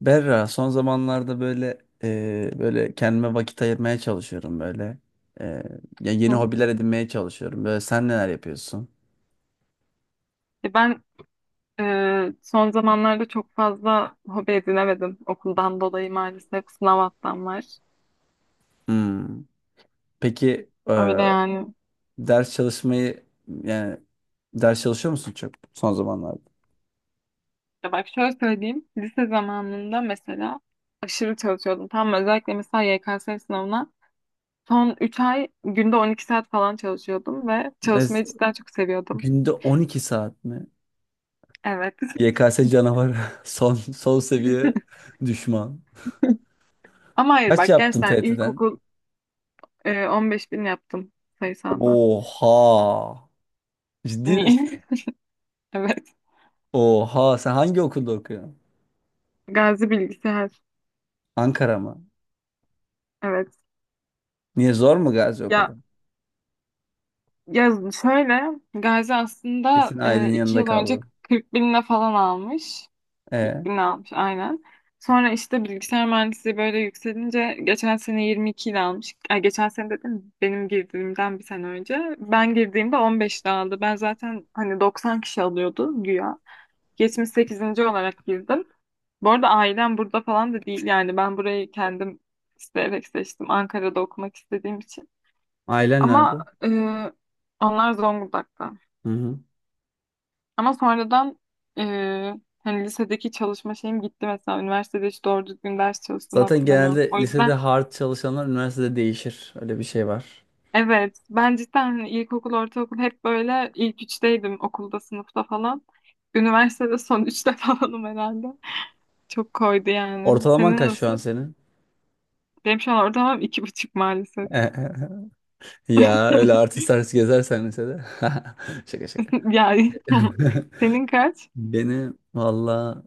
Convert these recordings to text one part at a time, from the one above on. Berra, son zamanlarda böyle kendime vakit ayırmaya çalışıyorum böyle. E, ya yeni Hı. hobiler edinmeye çalışıyorum. Böyle sen neler yapıyorsun? Ben son zamanlarda çok fazla hobi edinemedim. Okuldan dolayı maalesef sınav haftam var. Hmm. Peki Öyle yani. ders çalışmayı yani ders çalışıyor musun çok son zamanlarda? Ya bak şöyle söyleyeyim. Lise zamanında mesela aşırı çalışıyordum. Tam özellikle mesela YKS sınavına son 3 ay günde 12 saat falan çalışıyordum ve Ne, çalışmayı cidden çok seviyordum. günde 12 saat mi? Evet. YKS canavarı son son seviye düşman. Ama hayır Kaç bak yaptın gerçekten TYT'den? ilkokul. 15 bin yaptım sayısalda. Oha. Ciddi misin? Niye? Evet. Oha sen hangi okulda okuyorsun? Gazi bilgisayar. Ankara mı? Evet. Niye zor mu Gazi o Ya kadar? Ya şöyle, Gazi aslında Kesin ailenin iki yanında yıl önce kaldın. 40 binine falan almış. 40 E, bine almış aynen. Sonra işte bilgisayar mühendisliği böyle yükselince geçen sene 22 ile almış. Ay, geçen sene dedim benim girdiğimden bir sene önce. Ben girdiğimde 15 ile aldı. Ben zaten hani 90 kişi alıyordu güya. Yetmiş sekizinci olarak girdim. Bu arada ailem burada falan da değil, yani ben burayı kendim isteyerek seçtim. Ankara'da okumak istediğim için. ailen nerede? Ama onlar Zonguldak'ta. Hı hı. Ama sonradan e, hani lisedeki çalışma şeyim gitti mesela. Üniversitede hiç doğru düzgün ders çalıştığımı Zaten hatırlamıyorum. genelde O lisede yüzden hard çalışanlar üniversitede değişir. Öyle bir şey var. evet, ben cidden hani ilkokul, ortaokul hep böyle ilk üçteydim okulda, sınıfta falan. Üniversitede son üçte falanım herhalde. Çok koydu yani. Ortalaman Senin kaç şu an nasıl? senin? Benim şu an ortalamam 2,5 maalesef. Ya öyle artist artist gezersen lisede. Şaka şaka. Yani senin kaç? Beni valla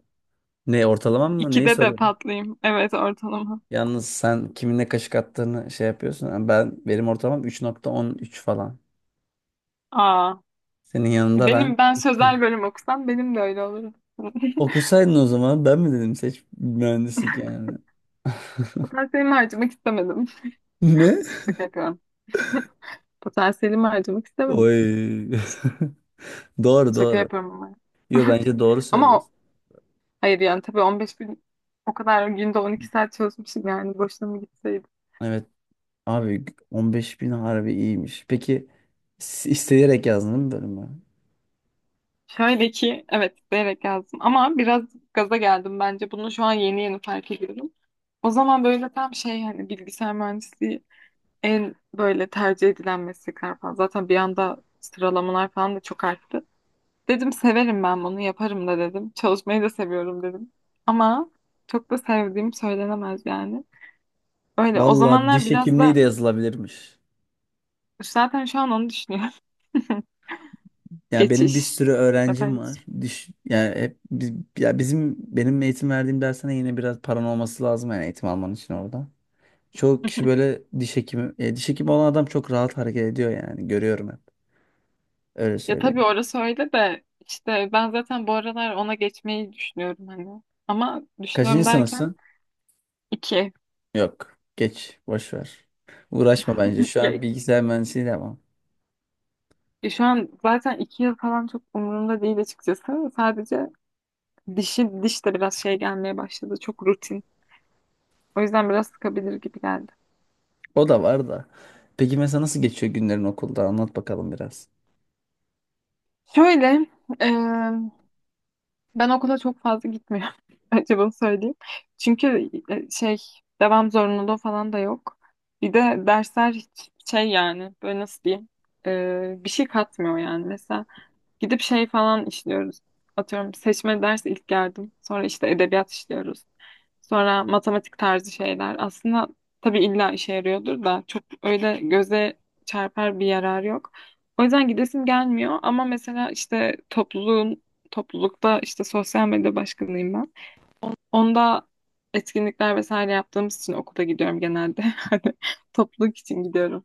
ne ortalamam mı neyi İkide de soruyorum? patlayayım. Evet, ortalama. Yalnız sen kiminle kaşık attığını şey yapıyorsun. Yani ben benim ortalamam 3,13 falan. Aa. Senin yanında ben Ben sözel bölüm okusam benim de öyle olur. Okusaydın o zaman ben mi dedim seç mühendislik yani. Potansiyelimi harcamak istemedim. Ne? Şaka yapıyorum. Potansiyelimi harcamak istemedim. Oy. Ş- Doğru Şaka doğru. yapıyorum ama. Yo bence doğru Ama söylüyorsun. Hayır yani tabii 15 gün o kadar günde 12 saat çalışmışım, yani boşuna mı gitseydim. Evet abi 15 bin harbi iyiymiş. Peki isteyerek yazdın değil mi bölümü? Şöyle ki evet isteyerek yazdım ama biraz gaza geldim bence. Bunu şu an yeni yeni fark ediyorum. O zaman böyle tam şey, hani bilgisayar mühendisliği en böyle tercih edilen meslekler falan. Zaten bir anda sıralamalar falan da çok arttı. Dedim severim ben, bunu yaparım da dedim. Çalışmayı da seviyorum dedim. Ama çok da sevdiğim söylenemez yani. Öyle, o Valla zamanlar diş biraz hekimliği da de yazılabilirmiş. zaten şu an onu düşünüyorum. Ya benim bir Geçiş. sürü öğrencim Zaten var. Diş yani hep ya benim eğitim verdiğim dersine yine biraz paran olması lazım yani eğitim alman için orada. Çoğu kişi böyle diş hekimi. Diş hekimi olan adam çok rahat hareket ediyor yani. Görüyorum hep. Öyle ya tabii söyleyeyim. orası öyle de, işte ben zaten bu aralar ona geçmeyi düşünüyorum hani. Ama Kaçıncı düşünüyorum sınıfsın? derken iki. Yok. Geç. Boş ver. Uğraşma bence. Şu Ya, an bilgisayar mühendisliği de ama. ya şu an zaten 2 yıl falan çok umurumda değil açıkçası. Sadece diş de biraz şey gelmeye başladı. Çok rutin. O yüzden biraz sıkabilir gibi geldi. O da var da. Peki mesela nasıl geçiyor günlerin okulda? Anlat bakalım biraz. Şöyle, e, ben okula çok fazla gitmiyorum. Önce bunu söyleyeyim. Çünkü devam zorunluluğu falan da yok. Bir de dersler hiç şey yani, böyle nasıl diyeyim, bir şey katmıyor yani. Mesela gidip şey falan işliyoruz. Atıyorum seçme ders ilk geldim. Sonra işte edebiyat işliyoruz. Sonra matematik tarzı şeyler. Aslında tabii illa işe yarıyordur da çok öyle göze çarpar bir yarar yok. O yüzden gidesim gelmiyor, ama mesela işte toplulukta işte sosyal medya başkanıyım ben. Onda etkinlikler vesaire yaptığımız için okula gidiyorum genelde. Hani topluluk için gidiyorum.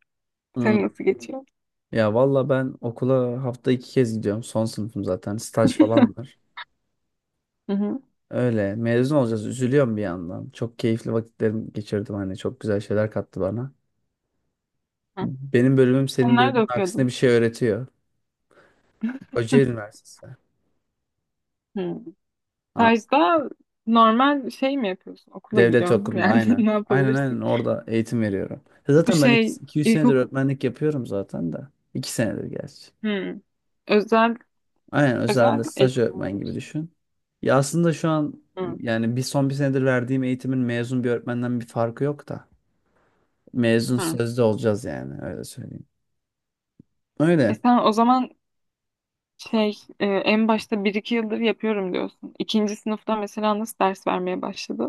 Senin Hmm. nasıl geçiyor? Ya valla ben okula hafta 2 kez gidiyorum. Son sınıfım zaten. Staj falan var. Hı hı. Öyle. Mezun olacağız. Üzülüyorum bir yandan. Çok keyifli vakitlerim geçirdim. Hani çok güzel şeyler kattı bana. Hı. Benim bölümüm senin Onlar da bölümün aksine okuyordum. bir şey öğretiyor. Kocaeli Üniversitesi. Hı. Ha, Stajda normal şey mi yapıyorsun? Okula devlet gidiyorsun okulunda yani aynen. ne Aynen yapabilirsin? aynen orada eğitim veriyorum. Bu Zaten ben şey 200 senedir ilkokul. öğretmenlik yapıyorum zaten de. 2 senedir gerçi. hmm. özel Aynen özel özelde staj eğitim öğretmen gibi olabilir. düşün. Ya aslında şu an Hmm. yani son bir senedir verdiğim eğitimin mezun bir öğretmenden bir farkı yok da. Mezun Hmm. sözde olacağız yani öyle söyleyeyim. Öyle. Sen o zaman en başta bir iki yıldır yapıyorum diyorsun. İkinci sınıfta mesela nasıl ders vermeye başladı?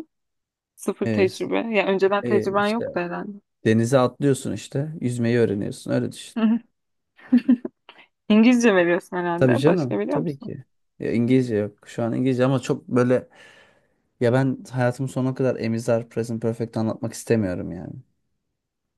Sıfır E, tecrübe. Ya önceden e, tecrüben işte yoktu herhalde. denize atlıyorsun işte yüzmeyi öğreniyorsun öyle düşün. İngilizce veriyorsun Tabii herhalde. Başka canım biliyor tabii musun? ki. Ya İngilizce yok. Şu an İngilizce ama çok böyle. Ya ben hayatımın sonuna kadar Emizar Present Perfect anlatmak istemiyorum yani.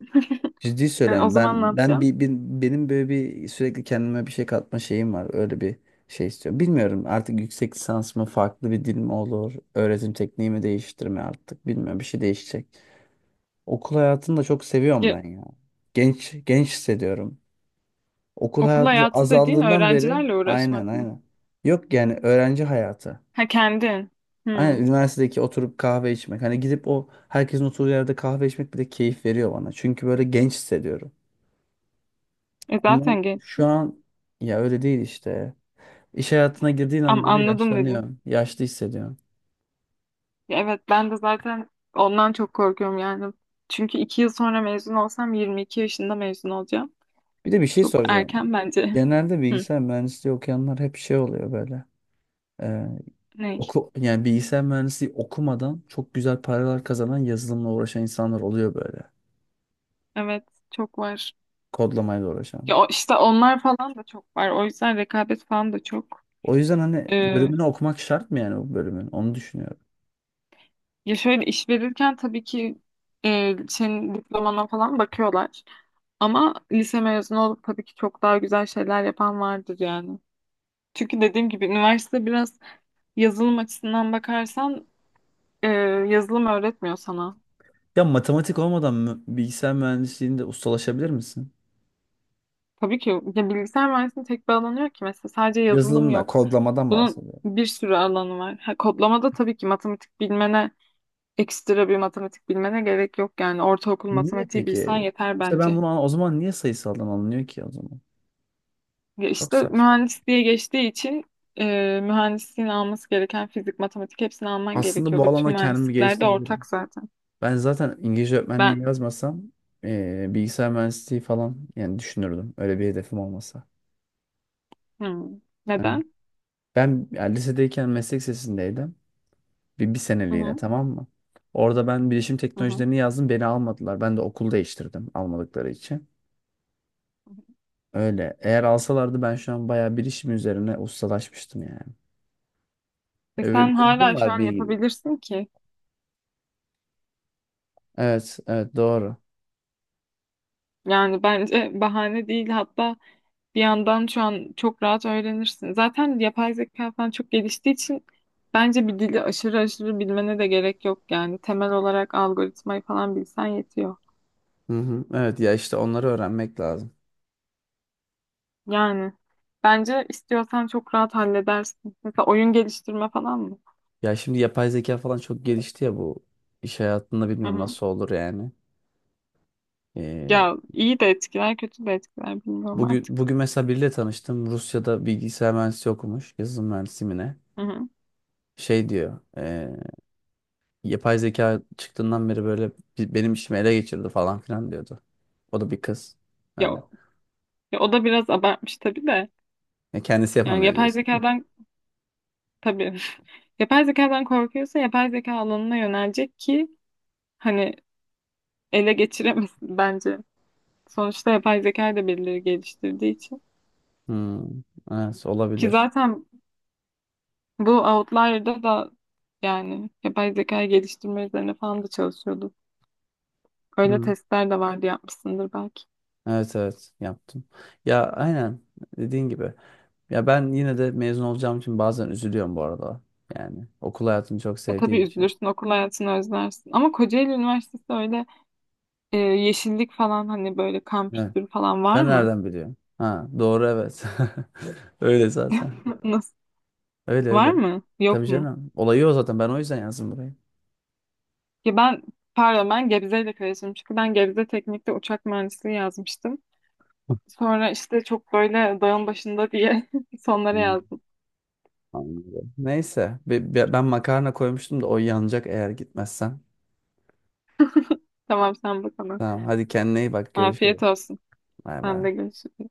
Ciddi Yani o söylüyorum. zaman ne Ben yapacaksın? Benim böyle bir sürekli kendime bir şey katma şeyim var. Öyle bir şey istiyorum. Bilmiyorum artık yüksek lisans mı farklı bir dil mi olur? Öğretim tekniği mi değiştirme artık? Bilmiyorum bir şey değişecek. Okul hayatını da çok seviyorum Ya, ben ya. Genç genç hissediyorum. Okul okul hayatı hayatı dediğin azaldığından beri öğrencilerle aynen uğraşmak mı? aynen. Yok yani öğrenci hayatı. Ha, kendin. Aynen Hmm. üniversitedeki oturup kahve içmek. Hani gidip o herkesin oturduğu yerde kahve içmek bile keyif veriyor bana. Çünkü böyle genç hissediyorum. Ama Zaten şu gençsin. an ya öyle değil işte. İş hayatına girdiğin Ama an böyle anladım dedin. yaşlanıyor. Yaşlı hissediyorum. Ya, evet ben de zaten ondan çok korkuyorum yani. Çünkü 2 yıl sonra mezun olsam 22 yaşında mezun olacağım. Bir de bir şey Çok soracağım. erken bence. Genelde Hı, bilgisayar mühendisliği okuyanlar hep şey oluyor böyle. Ee, ne? yani bilgisayar mühendisliği okumadan çok güzel paralar kazanan yazılımla uğraşan insanlar oluyor böyle. Evet, çok var. Kodlamayla uğraşan. Ya işte onlar falan da çok var. O yüzden rekabet falan da çok. O yüzden hani Ee, bölümünü okumak şart mı yani o bölümün? Onu düşünüyorum. ya şöyle iş verirken tabii ki senin diplomana falan bakıyorlar. Ama lise mezunu olup tabii ki çok daha güzel şeyler yapan vardır yani. Çünkü dediğim gibi üniversite biraz. Yazılım açısından bakarsan e, yazılım öğretmiyor sana. Ya matematik olmadan mı bilgisayar mühendisliğinde ustalaşabilir misin? Tabii ki, ya bilgisayar mühendisliğinin tek bir alanı yok ki, mesela sadece yazılım Yazılımla, yok. kodlamadan Bunun bahsediyorum. bir sürü alanı var. Ha, kodlamada tabii ki matematik bilmene ekstra bir matematik bilmene gerek yok, yani ortaokul Niye matematiği bilsen peki? yeter İşte ben bence. bunu o zaman niye sayısaldan alınıyor ki o zaman? Ya Çok işte saçma. mühendisliğe geçtiği için mühendisliğin alması gereken fizik, matematik hepsini alman Aslında gerekiyor. bu Bütün alanda kendimi mühendislikler de geliştirebilirim. ortak zaten. Ben zaten İngilizce öğretmenliği Ben yazmasam bilgisayar mühendisliği falan yani düşünürdüm. Öyle bir hedefim olmasa. hmm, Evet. neden? Ben yani lisedeyken meslek lisesindeydim. Bir Hı seneliğine hı, tamam mı? Orada ben bilişim hı teknolojilerini yazdım. Beni almadılar. Ben de okul değiştirdim almadıkları için. hı. Öyle. Eğer alsalardı ben şu an bayağı bir işim üzerine ustalaşmıştım yani. Bir Sen ilgim hala şu var an bir. yapabilirsin ki. Evet, evet doğru. Yani bence bahane değil. Hatta bir yandan şu an çok rahat öğrenirsin. Zaten yapay zeka falan çok geliştiği için bence bir dili aşırı aşırı bilmene de gerek yok yani. Temel olarak algoritmayı falan bilsen yetiyor. Hı hı. Evet ya işte onları öğrenmek lazım. Yani bence istiyorsan çok rahat halledersin. Mesela oyun geliştirme falan mı? Ya şimdi yapay zeka falan çok gelişti ya bu iş hayatında Hı bilmiyorum hı. nasıl olur yani. Ee, Ya iyi de etkiler, kötü de etkiler, bilmiyorum bugün artık. bugün mesela biriyle tanıştım. Rusya'da bilgisayar mühendisi okumuş. Yazılım mühendisi mi ne? Hı hı. Şey diyor. Yapay zeka çıktığından beri böyle benim işimi ele geçirdi falan filan diyordu. O da bir kız. Ya, Öyle. ya o da biraz abartmış tabii de. Ya kendisi Yani yapamıyor yapay diyorsun. zekadan. Tabii. Yapay zekadan korkuyorsa yapay zeka alanına yönelecek ki hani ele geçiremesin bence. Sonuçta yapay zekayı da birileri geliştirdiği için. Hmm, evet Ki olabilir. zaten bu Outlier'da da yani yapay zekayı geliştirme üzerine falan da çalışıyordu. Öyle Hmm, testler de vardı, yapmışsındır belki. evet evet yaptım. Ya aynen dediğin gibi. Ya ben yine de mezun olacağım için bazen üzülüyorum bu arada. Yani okul hayatını çok Tabii sevdiğim için. üzülürsün, okul hayatını özlersin. Ama Kocaeli Üniversitesi öyle yeşillik falan, hani böyle Evet. kampüsleri falan var Sen mı? nereden biliyorsun? Ha doğru evet. Öyle zaten. Nasıl? Öyle Var öyle. mı? Tabii Yok mu? canım. Olayı o zaten. Ben o yüzden yazdım burayı. Ki ben, pardon, ben Gebze ile karıştırdım. Çünkü ben Gebze Teknik'te uçak mühendisliği yazmıştım. Sonra işte çok böyle dağın başında diye sonlara Hmm. yazdım. Anladım. Neyse ben makarna koymuştum da o yanacak eğer gitmezsen. Tamam, sen bak ona. Tamam hadi kendine iyi bak Afiyet görüşürüz. olsun. Bay Sen de bay. görüşürüz.